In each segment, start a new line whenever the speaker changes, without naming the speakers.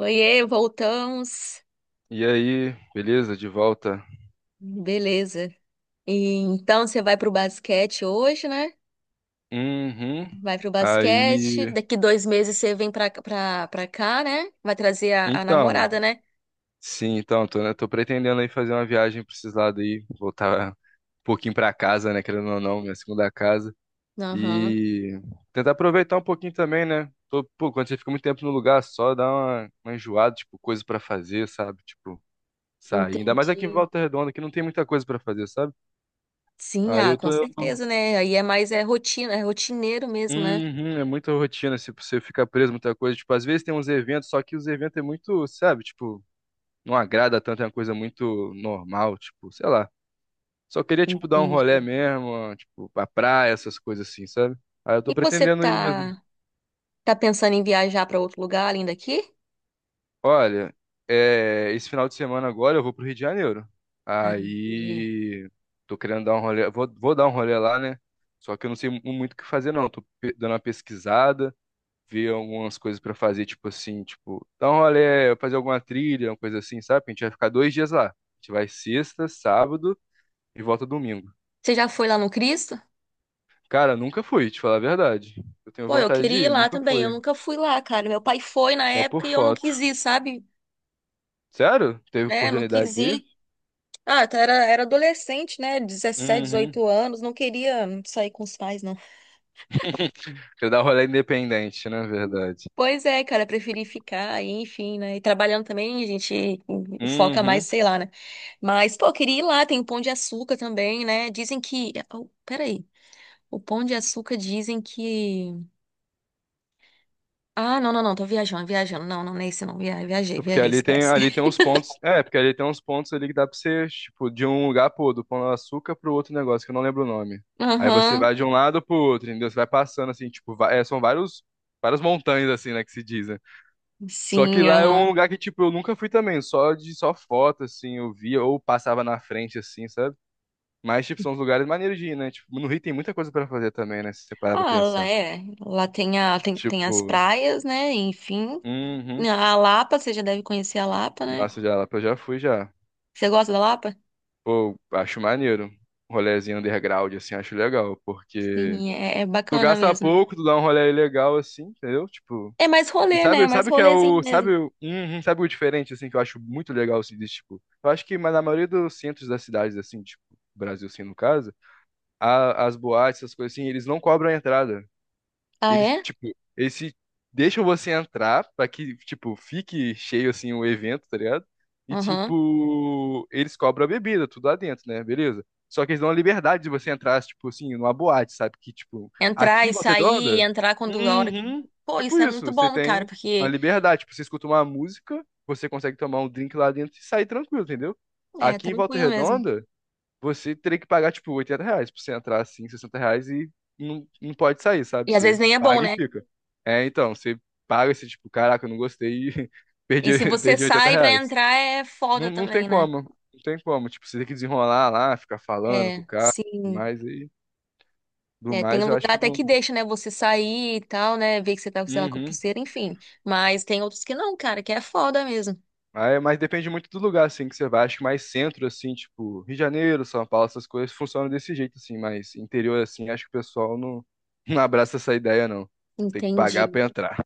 Oiê, voltamos.
E aí, beleza? De volta?
Beleza. E então você vai pro basquete hoje, né?
Uhum.
Vai pro basquete.
Aí,
Daqui dois meses você vem pra cá, né? Vai trazer a
então,
namorada, né?
sim, então, tô, né, tô pretendendo aí fazer uma viagem pra esses lados aí, voltar um pouquinho pra casa, né, querendo ou não, minha segunda casa,
Aham,
e tentar aproveitar um pouquinho também, né? Tô, pô, quando você fica muito tempo no lugar só, dá uma enjoada, tipo, coisa pra fazer, sabe? Tipo, sair. Ainda mais aqui em
entendi.
Volta Redonda, que não tem muita coisa pra fazer, sabe?
Sim,
Aí
ah,
eu
com
tô.
certeza, né? Aí é mais é rotina, é rotineiro mesmo, né?
Uhum. É muita rotina, se você ficar preso em muita coisa. Tipo, às vezes tem uns eventos, só que os eventos é muito, sabe, tipo, não agrada tanto, é uma coisa muito normal, tipo, sei lá. Só queria, tipo, dar um rolê
Entendi.
mesmo, tipo, pra praia, essas coisas assim, sabe? Aí eu
E
tô
você
pretendendo ir mesmo.
tá pensando em viajar pra outro lugar além daqui?
Olha, é, esse final de semana agora eu vou pro Rio de Janeiro.
Ah, entendi.
Aí tô querendo dar um rolê, vou dar um rolê lá, né? Só que eu não sei muito o que fazer, não. Tô dando uma pesquisada. Ver algumas coisas pra fazer, tipo assim, tipo, dar um rolê, fazer alguma trilha, uma coisa assim, sabe? A gente vai ficar 2 dias lá. A gente vai sexta, sábado e volta domingo.
Você já foi lá no Cristo?
Cara, nunca fui, te falar a verdade. Eu tenho
Pô, eu
vontade de
queria ir
ir,
lá
nunca
também, eu
fui.
nunca fui lá, cara. Meu pai foi na
Só por
época e eu não
foto.
quis ir, sabe?
Sério? Teve
Né? Não
oportunidade
quis
de
ir.
ir?
Ah, até era adolescente, né? 17
Uhum.
18 anos, não queria sair com os pais, não.
Quer dar um rolê independente, né? Verdade.
Pois é, cara, preferi ficar aí, enfim, né? E trabalhando também, a gente foca mais,
Uhum.
sei lá, né? Mas, pô, eu queria ir lá, tem o Pão de Açúcar também, né? Dizem que. Oh, peraí. O Pão de Açúcar dizem que. Ah, não, não, não, tô viajando, viajando. Não, não, não é esse não. Viajei,
Porque
viajei,
ali tem,
esquece.
ali tem uns pontos. É, porque ali tem uns pontos ali que dá pra você, tipo, de um lugar pro outro, do Pão de Açúcar pro outro negócio, que eu não lembro o nome. Aí você
Aham,
vai de um lado pro outro, entendeu? Você vai passando assim, tipo, é, são várias montanhas, assim, né, que se dizem. Só que
sim,
lá é um
aham.
lugar que, tipo, eu nunca fui também, só foto, assim, eu via, ou passava na frente, assim, sabe? Mas, tipo, são os lugares maneiros de ir, né? Tipo, no Rio tem muita coisa pra fazer também, né? Se você parar pra
Ah, lá
pensar.
é. Lá tem as
Tipo,
praias, né? Enfim.
uhum.
A Lapa, você já deve conhecer a Lapa, né?
Nossa, já lá eu já fui já.
Você gosta da Lapa?
Pô, acho maneiro. Um rolezinho underground, assim, acho legal, porque
Sim, é
tu
bacana
gasta
mesmo.
pouco, tu dá um rolê legal, assim, entendeu? Tipo,
É mais
e
rolê, né? É
sabe,
mais
sabe o que é
rolezinho
o,
mesmo.
sabe, sabe o diferente, assim, que eu acho muito legal, assim, desse, tipo, eu acho que mas na maioria dos centros das cidades, assim, tipo, Brasil, assim, no caso, as boates, essas coisas assim, eles não cobram a entrada.
Ah,
Eles,
é?
tipo, eles deixam você entrar pra que, tipo, fique cheio, assim, o evento, tá ligado? E,
Aham.
tipo, eles cobram a bebida, tudo lá dentro, né? Beleza. Só que eles dão a liberdade de você entrar, tipo, assim, numa boate, sabe? Que, tipo,
Entrar
aqui em
e
Volta
sair,
Redonda,
entrar quando a hora.
uhum,
Pô,
tipo
isso é
isso,
muito
você
bom, cara,
tem uma
porque
liberdade. Tipo, você escuta uma música, você consegue tomar um drink lá dentro e sair tranquilo, entendeu?
é
Aqui em Volta
tranquilo mesmo.
Redonda, você teria que pagar, tipo, 80 reais pra você entrar, assim, 60 reais e não, não pode sair, sabe?
E às vezes
Você
nem é bom,
paga e
né?
fica. É, então, você paga esse tipo, caraca, eu não gostei e
E
perdi,
se você
perdi 80
sai pra
reais.
entrar, é foda
Não, não tem
também, né?
como, não tem como. Tipo, você tem que desenrolar lá, ficar falando com o
É,
cara, tudo
sim.
mais, e do
É, tem
mais
um
eu acho
lugar
que
até
não.
que deixa, né, você sair e tal, né, ver que você tá, sei lá, com a
Uhum.
pulseira, enfim. Mas tem outros que não, cara, que é foda mesmo.
Aí, mas depende muito do lugar, assim, que você vai. Acho que mais centro, assim, tipo, Rio de Janeiro, São Paulo, essas coisas funcionam desse jeito, assim. Mas interior, assim, acho que o pessoal não, não abraça essa ideia, não. Tem que pagar
Entendi.
pra entrar.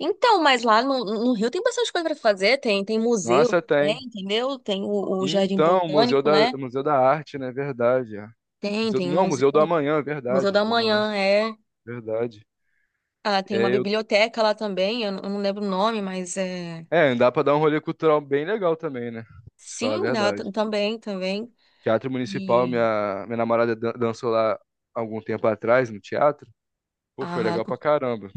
Então, mas lá no Rio tem bastante coisa pra fazer, tem museu
Nossa,
também,
tem.
entendeu? Tem o Jardim
Então, Museu
Botânico,
da,
né?
Museu da Arte, né? Verdade. É.
Tem,
Museu,
tem o
não, Museu do
museu,
Amanhã,
Museu
verdade.
da
Do Amanhã,
Manhã, é.
verdade.
Ah, tem uma
É, eu,
biblioteca lá também, não eu não lembro o nome, mas é.
é, dá pra dar um rolê cultural bem legal também, né? Se falar a
Sim, lá
verdade.
também, também.
Teatro Municipal,
E.
minha namorada dançou lá algum tempo atrás, no teatro. Pô, foi
Ah,
legal pra caramba.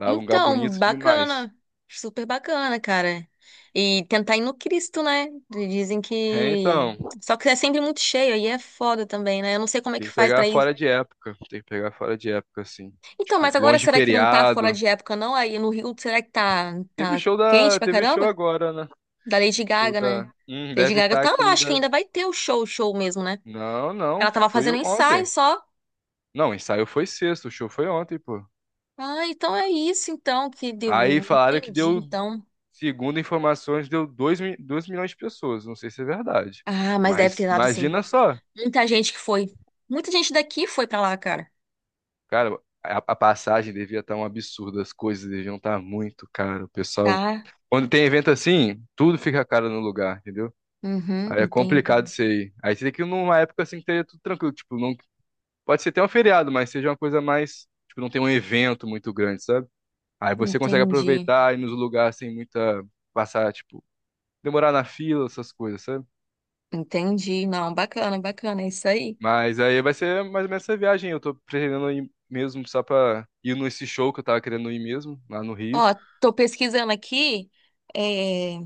Lá é um lugar
então,
bonito demais.
bacana. Super bacana, cara. E tentar ir no Cristo, né? Dizem
É,
que.
então,
Só que é sempre muito cheio, aí é foda também, né? Eu não sei como é que
tem que
faz
pegar
pra ir.
fora de época. Tem que pegar fora de época, assim.
Então,
Tipo,
mas agora
longe de
será que não tá fora
feriado.
de época, não? Aí no Rio, será que tá,
Teve
tá
show
quente
da.
pra
Teve show
caramba?
agora, né?
Da Lady
Show
Gaga, né?
da. Hum,
Lady
deve
Gaga
estar
tá lá,
aquilo
acho que
da.
ainda vai ter o show, show mesmo, né?
Não, não.
Ela tava
Foi
fazendo ensaio
ontem.
só.
Não, o ensaio foi sexta. O show foi ontem, pô.
Ah, então é isso, então, que deu.
Aí falaram que
Entendi,
deu,
então.
segundo informações, deu dois milhões de pessoas. Não sei se é verdade.
Ah, mas deve
Mas
ter dado sim.
imagina só.
Muita gente que foi. Muita gente daqui foi pra lá, cara.
Cara, a passagem devia estar um absurdo, as coisas deviam estar muito caro. O pessoal,
Tá.
quando tem evento assim, tudo fica caro no lugar, entendeu?
Uhum,
Aí é complicado
entendi.
isso aí. Aí você tem que ir numa época assim que esteja tudo tranquilo, tipo, não pode ser até um feriado, mas seja uma coisa mais, tipo, não tem um evento muito grande, sabe? Aí você consegue
Entendi.
aproveitar e nos lugares sem muita passar, tipo, demorar na fila, essas coisas, sabe?
Entendi. Não, bacana, bacana, é isso aí.
Mas aí vai ser mais ou menos essa viagem. Eu tô pretendendo ir mesmo só pra ir nesse show que eu tava querendo ir mesmo, lá no Rio.
Ó, tô pesquisando aqui. É,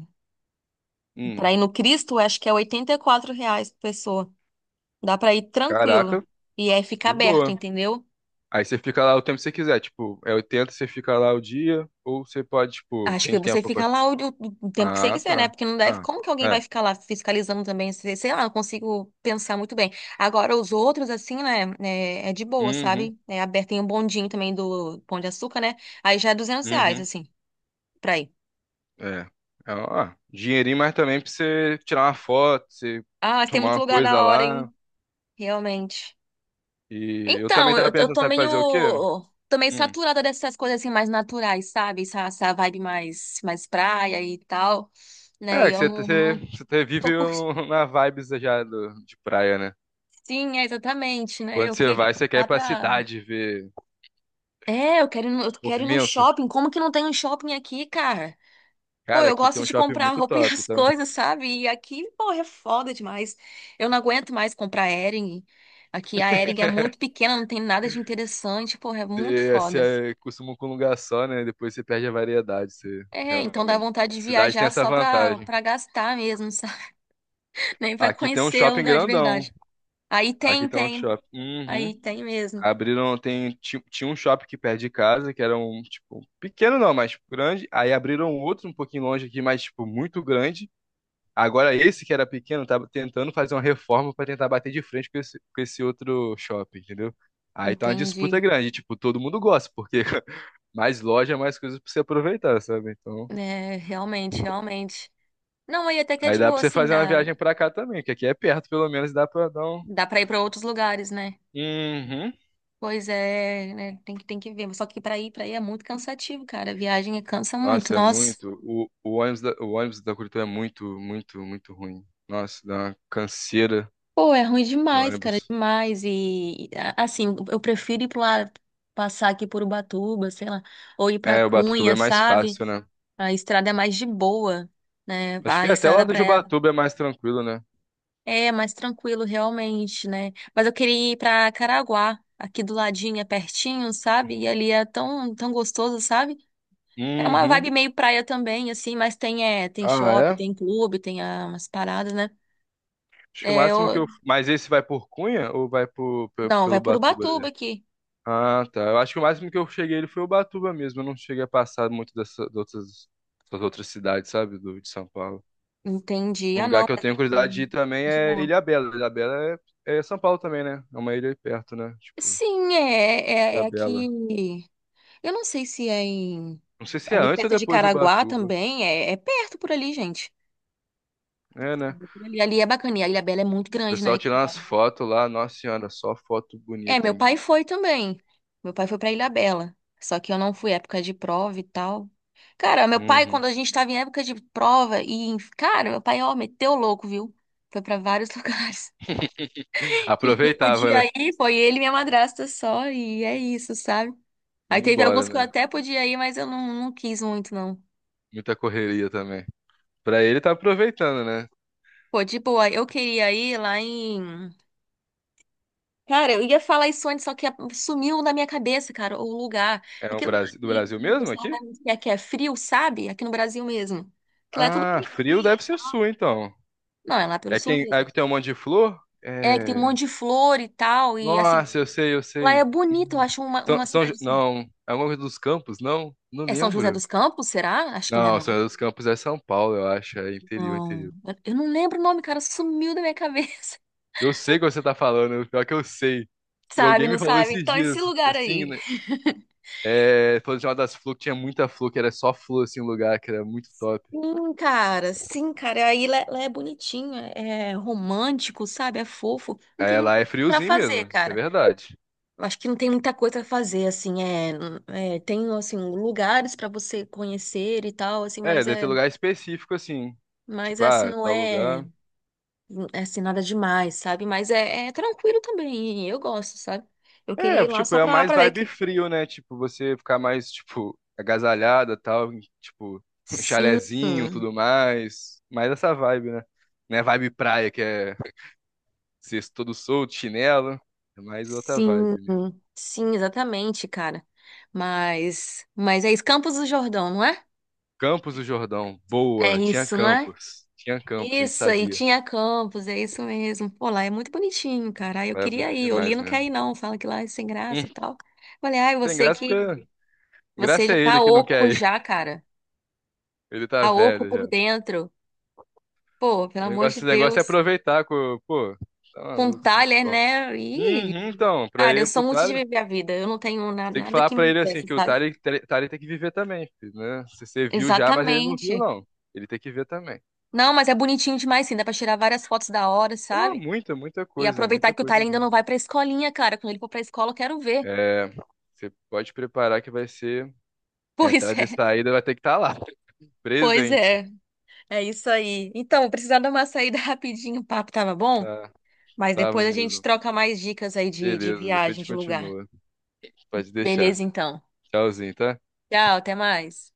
Hum,
pra ir no Cristo, acho que é R$ 84 por pessoa. Dá pra ir tranquilo.
Caraca,
E é fica
de
aberto,
boa.
entendeu?
Aí você fica lá o tempo que você quiser, tipo, é 80 você fica lá o dia, ou você pode, tipo,
Acho
tem
que você
tempo pra...
fica lá o tempo que você
Ah,
quiser, né?
tá.
Porque não deve.
Ah,
Como que alguém
é.
vai ficar lá fiscalizando também? Sei lá, não consigo pensar muito bem. Agora, os outros, assim, né? É de boa,
Uhum,
sabe? É aberto. Tem um bondinho também do Pão de Açúcar, né? Aí já é R$ 200,
uhum,
assim, pra ir.
é. É, ó, dinheirinho, mas também pra você tirar uma foto, você
Ah, tem
tomar
muito
uma
lugar
coisa
da hora, hein?
lá.
Realmente.
E eu também
Então,
tava
eu
pensando,
tô
sabe
meio.
fazer o quê?
Tô meio
Hum.
saturada dessas coisas, assim, mais naturais, sabe? Essa vibe mais praia e tal, né?
É,
E
que
eu
você,
não,
você,
não
você
tô
vive
curtindo.
na vibes já de praia, né?
Sim, é exatamente, né?
Quando
Eu
você
queria
vai,
ir
você quer ir
lá
pra
pra.
cidade ver
É, eu quero ir no
movimento.
shopping. Como que não tem um shopping aqui, cara? Pô,
Cara,
eu
aqui tem
gosto
um
de
shopping
comprar
muito
roupa e
top,
as
tá?
coisas, sabe? E aqui, pô, é foda demais. Eu não aguento mais comprar Hering. Aqui a Hering é muito pequena, não tem nada de interessante, pô, é muito
Você,
foda.
você costuma com um lugar só, né? Depois você perde a variedade, você
É, então dá
realmente.
vontade de
Cidade tem
viajar
essa
só pra,
vantagem.
pra gastar mesmo, sabe? Nem pra
Aqui tem um
conhecer o
shopping
lugar de
grandão.
verdade. Aí
Aqui
tem,
tem um
tem.
shopping. Uhum.
Aí tem mesmo.
Abriram, tem, tinha um shopping que perto de casa, que era um, tipo, pequeno não, mas grande. Aí abriram um outro um pouquinho longe aqui, mas, tipo, muito grande. Agora esse que era pequeno, tava tentando fazer uma reforma para tentar bater de frente com esse outro shopping, entendeu? Aí tá uma disputa
Entendi.
grande, tipo, todo mundo gosta, porque mais loja, mais coisas pra você aproveitar, sabe? Então,
É, realmente, realmente. Não, aí até que é
aí
de
dá pra
boa,
você
assim,
fazer uma
dá,
viagem pra cá também, que aqui é perto, pelo menos dá pra dar um.
dá pra ir pra outros lugares, né?
Uhum.
Pois é, né? Tem que ver, mas só que pra ir pra aí é muito cansativo, cara. A viagem cansa muito.
Nossa, é
Nossa,
muito. O ônibus da Curitiba é muito, muito, muito ruim. Nossa, dá uma canseira
pô, é ruim
do
demais, cara,
ônibus.
demais. E assim, eu prefiro ir pra lá, passar aqui por Ubatuba, sei lá, ou ir pra
É, o Ubatuba
Cunha,
é mais
sabe?
fácil, né?
A estrada é mais de boa, né?
Acho
A
que até lá
estrada pra
do Ubatuba é mais tranquilo, né?
é mais tranquilo, realmente, né? Mas eu queria ir pra Caraguá, aqui do ladinho, é pertinho, sabe? E ali é tão, tão gostoso, sabe? É uma vibe
Uhum.
meio praia também, assim, mas tem, é, tem
Ah,
shopping,
é?
tem clube, tem umas paradas, né?
Acho que o
É,
máximo que eu. Mas esse vai por Cunha ou vai por, pe-
não,
pelo
vai por
Ubatuba?
Ubatuba aqui.
Ah, tá. Eu acho que o máximo que eu cheguei ele foi Ubatuba mesmo. Eu não cheguei a passar muito das outras cidades, sabe? De São Paulo.
Entendi.
Um
Ah,
lugar
não,
que eu
mas é,
tenho curiosidade de ir também
de
é
boa.
Ilhabela. Ilhabela é São Paulo também, né? É uma ilha aí perto, né? Tipo,
Sim, é
Ilhabela.
aqui. Eu não sei se é em.
Não sei se é
Ali
antes ou
perto de
depois de
Caraguá
Ubatuba.
também. É, é perto por ali, gente.
É, né?
Por
O
ali é bacana. E a Ilhabela é muito grande, né?
pessoal tirando as fotos lá. Nossa senhora, só foto
É,
bonita,
meu
hein?
pai foi também. Meu pai foi pra Ilhabela. Só que eu não fui época de prova e tal. Cara, meu pai, quando
Uhum.
a gente tava em época de prova, e, cara, meu pai, ó, meteu o louco, viu? Foi pra vários lugares. A gente não
Aproveitava,
podia
né?
ir, foi ele e minha madrasta só, e é isso, sabe? Aí
Ia
teve
embora,
alguns que eu
né?
até podia ir, mas eu não quis muito, não.
Muita correria também. Pra ele tá aproveitando, né?
Pô, de eu queria ir lá em Cara, eu ia falar isso antes, só que sumiu na minha cabeça, cara, o lugar.
É um
Aquele lugar
Brasil, do
que,
Brasil
que o
mesmo
pessoal vai
aqui?
muito, que é frio, sabe? Aqui no Brasil mesmo. Que lá é tudo
Ah, frio
bonitinho.
deve ser sua, então.
Não, é lá pelo
É
sul
quem, é
mesmo.
que tem um monte de flor?
É, que tem um
É...
monte de flor e tal, e assim,
Nossa, eu sei, eu
lá é
sei.
bonito, eu
Uhum.
acho uma cidade assim.
Não, é alguma coisa dos Campos, não? Não
É São José
lembro.
dos Campos, será? Acho que não é,
Não, São
não.
José dos Campos é São Paulo, eu acho. É interior,
Não,
interior.
eu não lembro o nome, cara, sumiu da minha cabeça.
Eu sei o que você tá falando, pior é que eu sei. E
Sabe,
alguém me
não
falou
sabe?
esses
Então, esse
dias, que
lugar
assim,
aí.
né? É, falou de uma das flores que tinha muita flor, que era só flor, assim, um lugar que era muito top.
Sim, cara, sim, cara. Aí lá é bonitinho, é romântico, sabe? É fofo. Não tem
É, lá
muito
é
pra
friozinho mesmo,
fazer,
isso é
cara.
verdade.
Eu acho que não tem muita coisa pra fazer, assim. É, tem assim lugares pra você conhecer e tal, assim.
É,
Mas
deve ter
é,
lugar específico, assim.
mas
Tipo,
é assim
ah,
não
tal
é,
lugar.
é assim nada demais, sabe? Mas é tranquilo também. Eu gosto, sabe? Eu queria
É,
ir lá
tipo,
só
é
pra,
mais
pra ver
vibe
que
frio, né? Tipo, você ficar mais, tipo, agasalhada, tal, tipo, um
sim,
chalezinho, tudo mais. Mais essa vibe, né? Não é vibe praia, que é ser todo solto, chinelo. É mais outra
sim,
vibe mesmo.
sim, exatamente, cara. Mas é isso, Campos do Jordão, não é?
Campos do Jordão,
É
boa. Tinha
isso, não é?
Campos. Tinha Campos, a gente
Isso, aí
sabia.
tinha campus, é isso mesmo. Pô, lá é muito bonitinho, cara. Aí eu
Era
queria
bonito
ir, o
demais
Lino quer
mesmo.
ir não, fala que lá é sem
Hum,
graça e tal. Falei, ai,
tem graça porque...
você
Graça
já
é
tá
ele que não
oco
quer ir.
já, cara.
Ele tá
Tá oco
velho
por
já.
dentro. Pô, pelo
O
amor de
negócio, o negócio é
Deus.
aproveitar, com pô. Tá
Com
maluco, muito
Thaler,
bom.
né? Ih,
Uhum, então, pra
cara, eu
ir
sou
pro
muito de
Thales.
viver a vida. Eu não tenho
Você tem que
nada
falar
que me
pra ele assim,
impeça,
que o
sabe?
Tali tem que viver também, filho, né? Se você viu já, mas ele não viu,
Exatamente.
não. Ele tem que ver também.
Não, mas é bonitinho demais, sim. Dá pra tirar várias fotos da hora,
Pô,
sabe?
muita,
E aproveitar
muita
que o
coisa
Tyler ainda
mesmo.
não vai pra escolinha, cara. Quando ele for pra escola, eu quero ver.
É, você pode preparar que vai ser
Pois
entrada e
é,
saída, vai ter que estar lá,
pois
presente.
é. É isso aí. Então, vou precisar dar uma saída rapidinho, o papo tava bom,
Tá,
mas
tava
depois a gente
mesmo.
troca mais dicas aí de
Beleza, depois a
viagem,
gente
de lugar.
continua. Pode deixar.
Beleza, então.
Tchauzinho, tá?
Tchau, até mais.